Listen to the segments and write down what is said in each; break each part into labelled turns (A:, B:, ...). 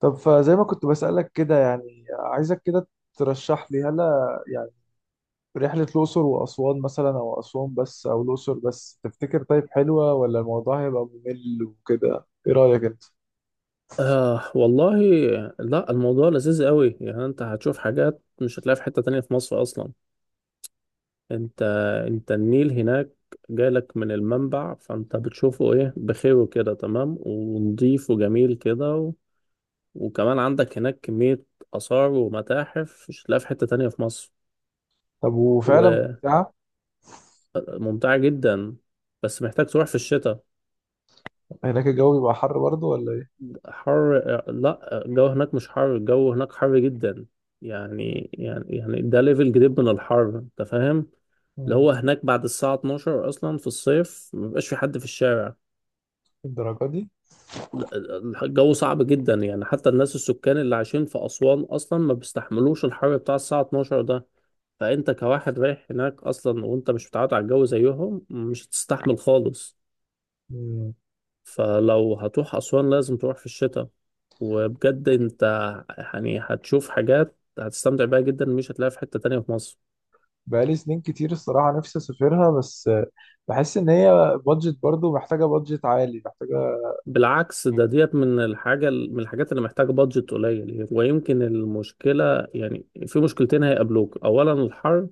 A: طب فزي ما كنت بسألك كده، يعني عايزك كده ترشح لي هلا يعني رحلة الأقصر وأسوان مثلا، أو أسوان بس أو الأقصر بس. تفتكر طيب حلوة ولا الموضوع هيبقى ممل وكده؟ إيه رأيك أنت؟
B: آه والله، لا الموضوع لذيذ قوي. يعني انت هتشوف حاجات مش هتلاقيها في حتة تانية في مصر اصلا. انت انت النيل هناك جالك من المنبع، فانت بتشوفه ايه بخير كده، تمام ونضيف وجميل كده وكمان عندك هناك كمية آثار ومتاحف مش هتلاقيها في حتة تانية في مصر.
A: طب وفعلا ممتعة؟
B: وممتعة جدا، بس محتاج تروح في الشتاء.
A: هناك الجو بيبقى حر برضه ولا إيه؟
B: حر؟ لا الجو هناك مش حر، الجو هناك حر جدا. يعني ده ليفل جديد من الحر انت فاهم. اللي
A: مم.
B: هو هناك بعد الساعة 12 اصلا في الصيف مبيبقاش في حد في الشارع.
A: الدرجة دي؟
B: لا، الجو صعب جدا، يعني حتى الناس السكان اللي عايشين في أسوان اصلا ما بيستحملوش الحر بتاع الساعة 12 ده. فانت كواحد رايح هناك اصلا وانت مش متعود على الجو زيهم، مش هتستحمل خالص.
A: مم.
B: فلو هتروح أسوان لازم تروح في الشتاء. وبجد انت يعني هتشوف حاجات هتستمتع بيها جدا مش هتلاقيها في حتة تانية في مصر.
A: بقالي سنين كتير الصراحة نفسي أسافرها، بس بحس إن هي بادجت، برضه محتاجة بادجت عالي محتاجة.
B: بالعكس، ده ديت من الحاجة، من الحاجات اللي محتاجة بادجت قليل. ويمكن المشكلة، يعني في مشكلتين هيقابلوك: أولا الحر،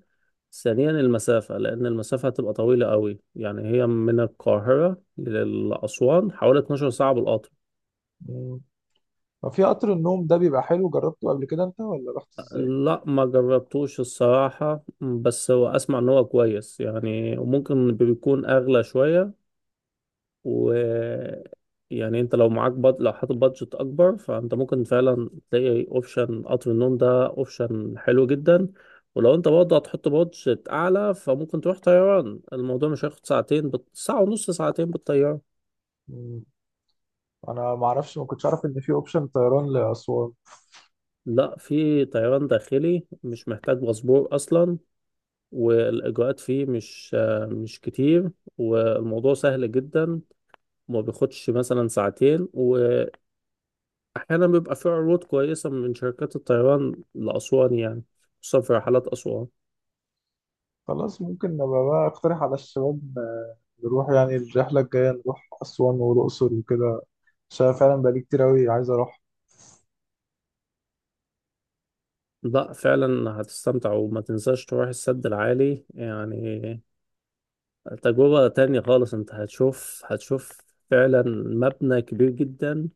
B: ثانيا المسافة، لأن المسافة هتبقى طويلة قوي. يعني هي من القاهرة لأسوان حوالي 12 ساعة بالقطر.
A: مم. طب في قطر النوم ده بيبقى حلو؟ جربته قبل كده أنت ولا رحت إزاي؟
B: لا ما جربتوش الصراحة، بس هو أسمع إن هو كويس يعني، وممكن بيكون أغلى شوية. و، يعني أنت لو معاك لو حاطط بادجت أكبر، فأنت ممكن فعلا تلاقي أوبشن قطر النوم ده، أوبشن حلو جدا. ولو أنت برضه هتحط بادجت أعلى فممكن تروح طيران، الموضوع مش هياخد ساعتين، ساعة ونص ساعتين بالطيارة.
A: مم. انا ما اعرفش، ما كنتش اعرف ان في اوبشن طيران لاسوان.
B: لا، في طيران داخلي مش محتاج باسبور أصلا، والاجراءات فيه مش مش كتير، والموضوع سهل جدا، وما بياخدش مثلا ساعتين. واحيانا بيبقى فيه عروض كويسه من شركات الطيران لاسوان يعني، خصوصا في رحلات اسوان.
A: خلاص ممكن نبقى بقى اقترح على الشباب نروح يعني الرحله الجايه نروح اسوان والاقصر وكده، عشان فعلا بقالي كتير قوي عايز اروح.
B: لا فعلا هتستمتع، وما تنساش تروح السد العالي يعني، تجربه تانية خالص. انت هتشوف هتشوف فعلا مبنى كبير جدا،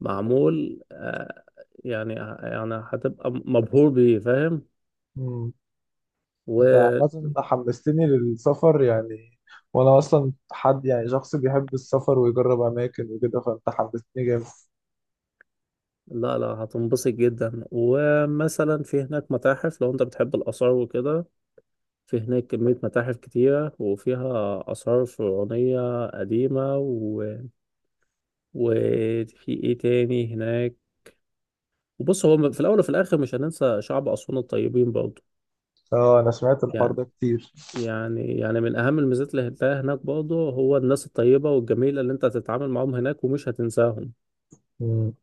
B: معمول، يعني يعني هتبقى مبهور بيه فاهم.
A: مم. انت عامه حمستني للسفر يعني، وانا اصلا حد، يعني شخص بيحب السفر ويجرب اماكن وكده، فانت حمستني جامد.
B: لا لا هتنبسط جدا، ومثلا في هناك متاحف لو انت بتحب الآثار وكده. في هناك كمية متاحف كتيرة وفيها آثار فرعونية قديمة وفي ايه تاني هناك. وبص هو في الأول وفي الآخر مش هننسى شعب أسوان الطيبين برضه.
A: اه انا سمعت الحوار
B: يعني
A: ده كتير.
B: يعني من أهم الميزات اللي هتلاقيها هناك برضه هو الناس الطيبة والجميلة اللي انت هتتعامل معاهم هناك ومش هتنساهم.
A: مم.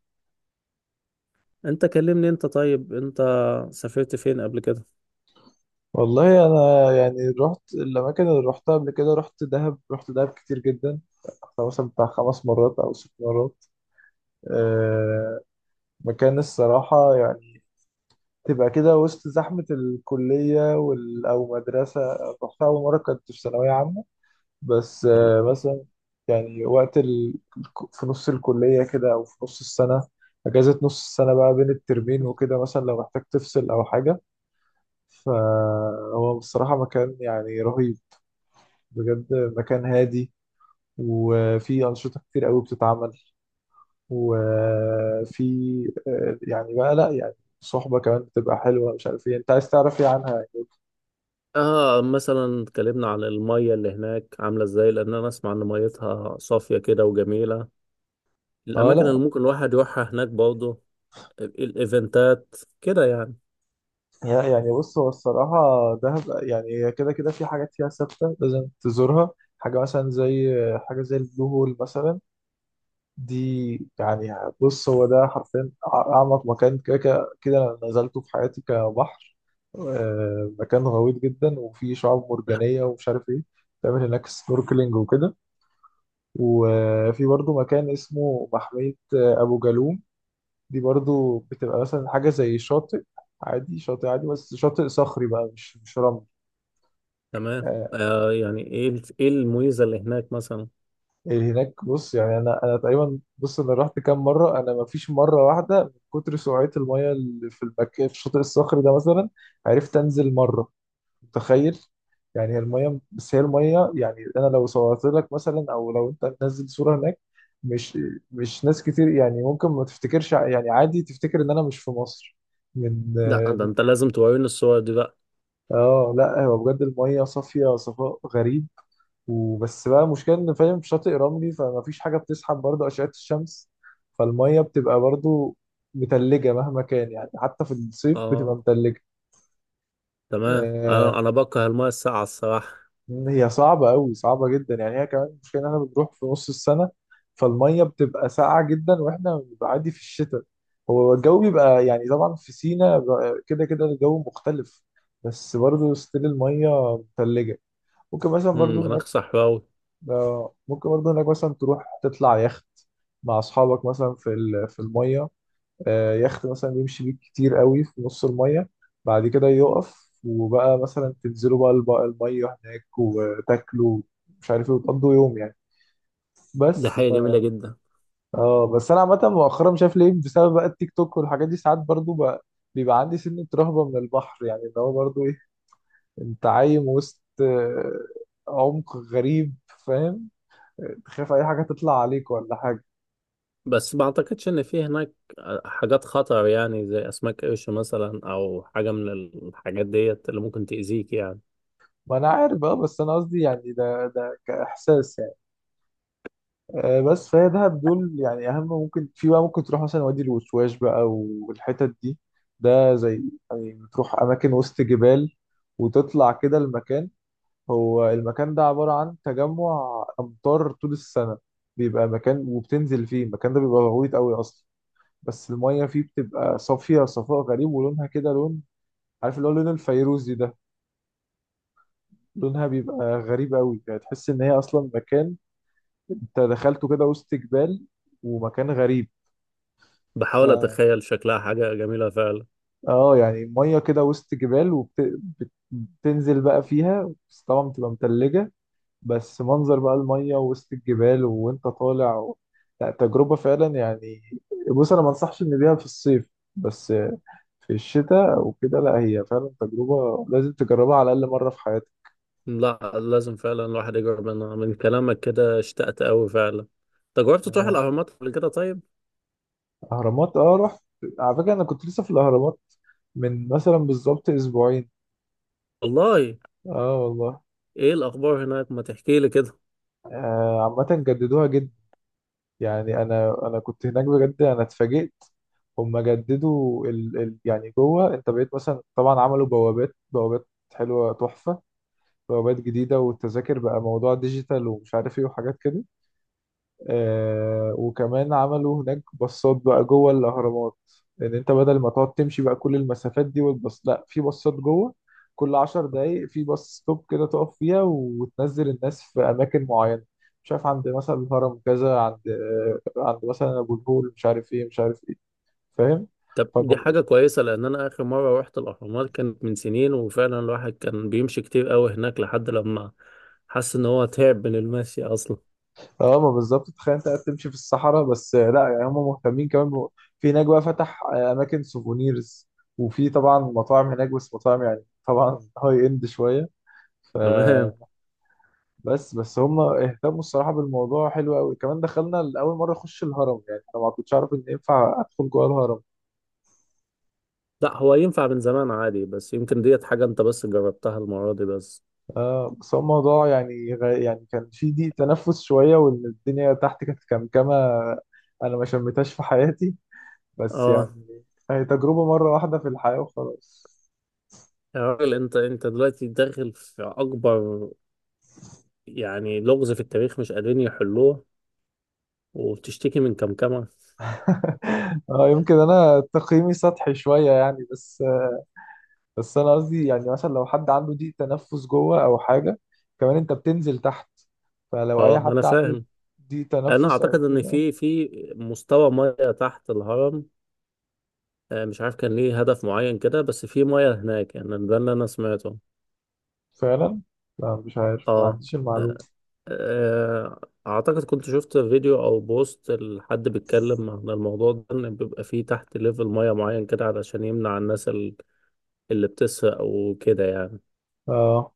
B: انت كلمني انت. طيب انت سافرت فين قبل كده؟
A: والله انا يعني رحت الاماكن اللي رحتها قبل كده. رحت دهب، رحت دهب كتير جدا. أنا مثلا بتاع 5 مرات او 6 مرات. أه، مكان الصراحه يعني تبقى كده وسط زحمه الكليه وال او مدرسه. رحتها اول مره كنت في ثانويه عامه. بس أه، مثلا يعني وقت في نص الكليه كده او في نص السنه. اجازه نص السنه بقى بين الترمين وكده، مثلا لو محتاج تفصل او حاجه. فهو بصراحه مكان يعني رهيب، بجد. مكان هادي وفي أنشطة كتير قوي بتتعمل، وفي يعني بقى، لا يعني صحبة كمان بتبقى حلوة. مش عارف ايه انت عايز تعرف ايه عنها يعني.
B: اه مثلا اتكلمنا عن المية اللي هناك عاملة ازاي، لان انا اسمع ان ميتها صافية كده وجميلة.
A: اه،
B: الاماكن
A: لا.
B: اللي ممكن الواحد يروحها هناك برضه، الايفنتات كده يعني.
A: يعني بص هو الصراحة، دهب يعني هي كده كده في حاجات فيها ثابتة لازم تزورها. حاجة مثلا زي حاجة زي البلو هول مثلا. دي يعني بص، هو ده حرفيا أعمق مكان كده كده كده أنا نزلته في حياتي كبحر. مكان غويط جدا وفيه شعاب مرجانية ومش عارف إيه. تعمل هناك سنوركلينج وكده. وفي برضو مكان اسمه محمية أبو جالوم. دي برضو بتبقى مثلا حاجة زي شاطئ عادي. شاطئ عادي بس شاطئ صخري بقى، مش رمل.
B: تمام
A: آه،
B: آه، يعني ايه الميزة اللي هناك مثلا؟
A: هناك بص، يعني انا تقريبا، بص انا رحت كام مره، انا ما فيش مره واحده من كتر سرعه المايه اللي في المكان في الشاطئ الصخري ده مثلا عرفت انزل مره. متخيل؟ يعني هي المايه، بس هي المايه، يعني انا لو صورت لك مثلا او لو انت تنزل صوره هناك، مش مش ناس كتير يعني ممكن ما تفتكرش يعني عادي تفتكر ان انا مش في مصر من
B: لا
A: اه.
B: ده انت لازم توريني الصور دي بقى.
A: لا هو بجد المايه صافيه صفاء غريب. وبس بقى المشكله ان فاهم، في شاطئ رملي فما فيش حاجه بتسحب برضه اشعه الشمس، فالميه بتبقى برضه متلجه مهما كان يعني، حتى في الصيف بتبقى
B: اه
A: متلجه.
B: تمام،
A: آه.
B: انا بكره المية الساقعة الصراحة.
A: هي صعبه قوي، صعبه جدا يعني. هي كمان المشكله ان احنا بنروح في نص السنه، فالميه بتبقى ساقعه جدا واحنا بنبقى عادي في الشتاء. هو الجو بيبقى يعني طبعا في سينا كده كده الجو مختلف، بس برضه ستيل الميه متلجه. ممكن مثلا برضه هناك،
B: مناخ صحراوي.
A: ممكن برضه انك مثلا تروح تطلع يخت مع اصحابك مثلا في في الميه. يخت مثلا يمشي بيك كتير قوي في نص الميه، بعد كده يقف وبقى مثلا تنزلوا بقى الميه هناك وتاكلوا مش عارف ايه، وتقضوا يوم يعني.
B: دي
A: بس
B: حاجة
A: ف...
B: جميلة جدا.
A: اه بس انا عامه مؤخرا، مش عارف ليه، بسبب بقى التيك توك والحاجات دي، ساعات برضه بقى بيبقى عندي سنة رهبة من البحر. يعني اللي هو برضه ايه، انت عايم وسط عمق غريب، فاهم؟ تخاف اي حاجه تطلع عليك ولا حاجه.
B: بس ما اعتقدش ان في هناك حاجات خطر يعني، زي اسماك قرش مثلا او حاجه من الحاجات ديت اللي ممكن تاذيك يعني.
A: ما انا عارف اه، بس انا قصدي يعني ده كاحساس يعني. بس فهي دهب دول يعني اهم. ممكن في بقى ممكن تروح مثلا وادي الوشواش بقى والحتت دي. ده زي يعني بتروح اماكن وسط جبال، وتطلع كده المكان. هو المكان ده عبارة عن تجمع امطار طول السنة، بيبقى مكان وبتنزل فيه. المكان ده بيبقى غويط قوي اصلا، بس المية فيه بتبقى صافية صفاء غريب ولونها كده لون، عارف اللي هو لون الفيروزي ده. لونها بيبقى غريب قوي يعني، تحس ان هي اصلا مكان انت دخلته كده وسط جبال، ومكان غريب. ف
B: بحاول اتخيل شكلها، حاجه جميله فعلا.
A: اه يعني ميه كده وسط جبال، وبتنزل بقى فيها بس طبعا بتبقى متلجة. بس منظر بقى الميه وسط الجبال وانت طالع و... لا تجربة فعلا يعني. بص انا ما انصحش ان بيها في الصيف، بس في الشتاء وكده لا هي فعلا تجربة لازم تجربها على الأقل مرة في حياتك.
B: لا لازم فعلا الواحد يجرب منها، من كلامك كده اشتقت قوي فعلا. انت جربت تروح
A: آه،
B: الاهرامات قبل كده طيب؟
A: أهرامات، اه رحت. على فكرة أنا كنت لسه في الأهرامات من مثلا بالظبط أسبوعين.
B: والله؟
A: اه والله.
B: ايه الاخبار هناك، ما تحكي لي كده.
A: عامة جددوها جدا يعني. أنا كنت هناك بجد أنا اتفاجئت. هما جددوا يعني جوه أنت بقيت مثلا، طبعا عملوا بوابات، بوابات حلوة تحفة، بوابات جديدة، والتذاكر بقى موضوع ديجيتال ومش عارف إيه وحاجات كده. آه، وكمان عملوا هناك باصات بقى جوه الأهرامات، إن أنت بدل ما تقعد تمشي بقى كل المسافات دي والباص. لأ، في باصات جوه كل 10 دقايق، في باص ستوب كده تقف فيها وتنزل الناس في أماكن معينة، مش عارف عند مثلا الهرم كذا، عند آه عند مثلا أبو الهول، مش عارف إيه مش عارف إيه، فاهم؟
B: طب دي حاجه كويسه، لان انا اخر مره رحت الاهرامات كانت من سنين، وفعلا الواحد كان بيمشي كتير قوي هناك لحد لما حس ان هو تعب من المشي اصلا.
A: اه ما بالظبط، تخيل انت قاعد تمشي في الصحراء. بس لا يعني هم مهتمين كمان في هناك بقى فتح اماكن سوفونيرز، وفي طبعا مطاعم هناك، بس مطاعم يعني طبعا هاي اند شويه. ف
B: تمام.
A: بس، بس هم اهتموا الصراحه بالموضوع حلو قوي. كمان دخلنا لاول مره اخش الهرم، يعني انا ما كنتش اعرف ان ينفع ادخل جوه الهرم.
B: لا هو ينفع من زمان عادي، بس يمكن ديت حاجة انت بس جربتها المرة دي بس.
A: آه، بس هو الموضوع يعني يعني كان في ضيق تنفس شويه، وان الدنيا تحت كانت كمكمه انا ما شميتهاش في حياتي. بس
B: اه،
A: يعني هي تجربة مرة واحدة في الحياة وخلاص.
B: يا راجل انت دلوقتي داخل في اكبر يعني لغز في التاريخ مش قادرين يحلوه وبتشتكي من كمكمة؟
A: اه، يمكن انا تقييمي سطحي شوية يعني، بس بس انا قصدي يعني مثلا لو حد عنده ضيق تنفس جوه او حاجة، كمان انت بتنزل تحت، فلو
B: اه
A: اي
B: ما انا
A: حد عنده
B: فاهم.
A: ضيق
B: انا
A: تنفس او
B: اعتقد ان
A: كده.
B: في مستوى مياه تحت الهرم. مش عارف كان ليه هدف معين كده، بس في مياه هناك يعني، ده اللي انا سمعته.
A: فعلا. لا مش عارف، ما
B: اه،
A: عنديش المعلومة.
B: آه، اعتقد كنت شفت فيديو او بوست لحد بيتكلم عن الموضوع ده، ان بيبقى فيه تحت ليفل ميه معين كده علشان يمنع الناس اللي بتسرق وكده يعني.
A: اه.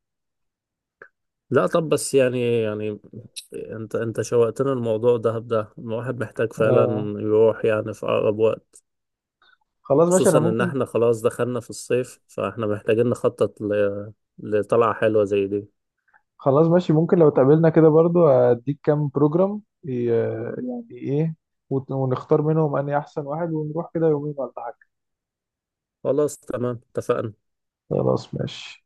B: لا طب بس يعني انت شوقتنا. الموضوع ده الواحد محتاج فعلا
A: اه،
B: يروح يعني في اقرب وقت.
A: خلاص ماشي
B: خصوصا
A: انا
B: ان
A: ممكن.
B: احنا خلاص دخلنا في الصيف، فاحنا محتاجين نخطط لطلعة حلوة زي دي.
A: خلاص ماشي، ممكن لو اتقابلنا كده برضو اديك كام بروجرام، يعني ايه، ونختار منهم اني احسن واحد ونروح كده يومين ولا حاجة.
B: خلاص تمام اتفقنا.
A: خلاص ماشي.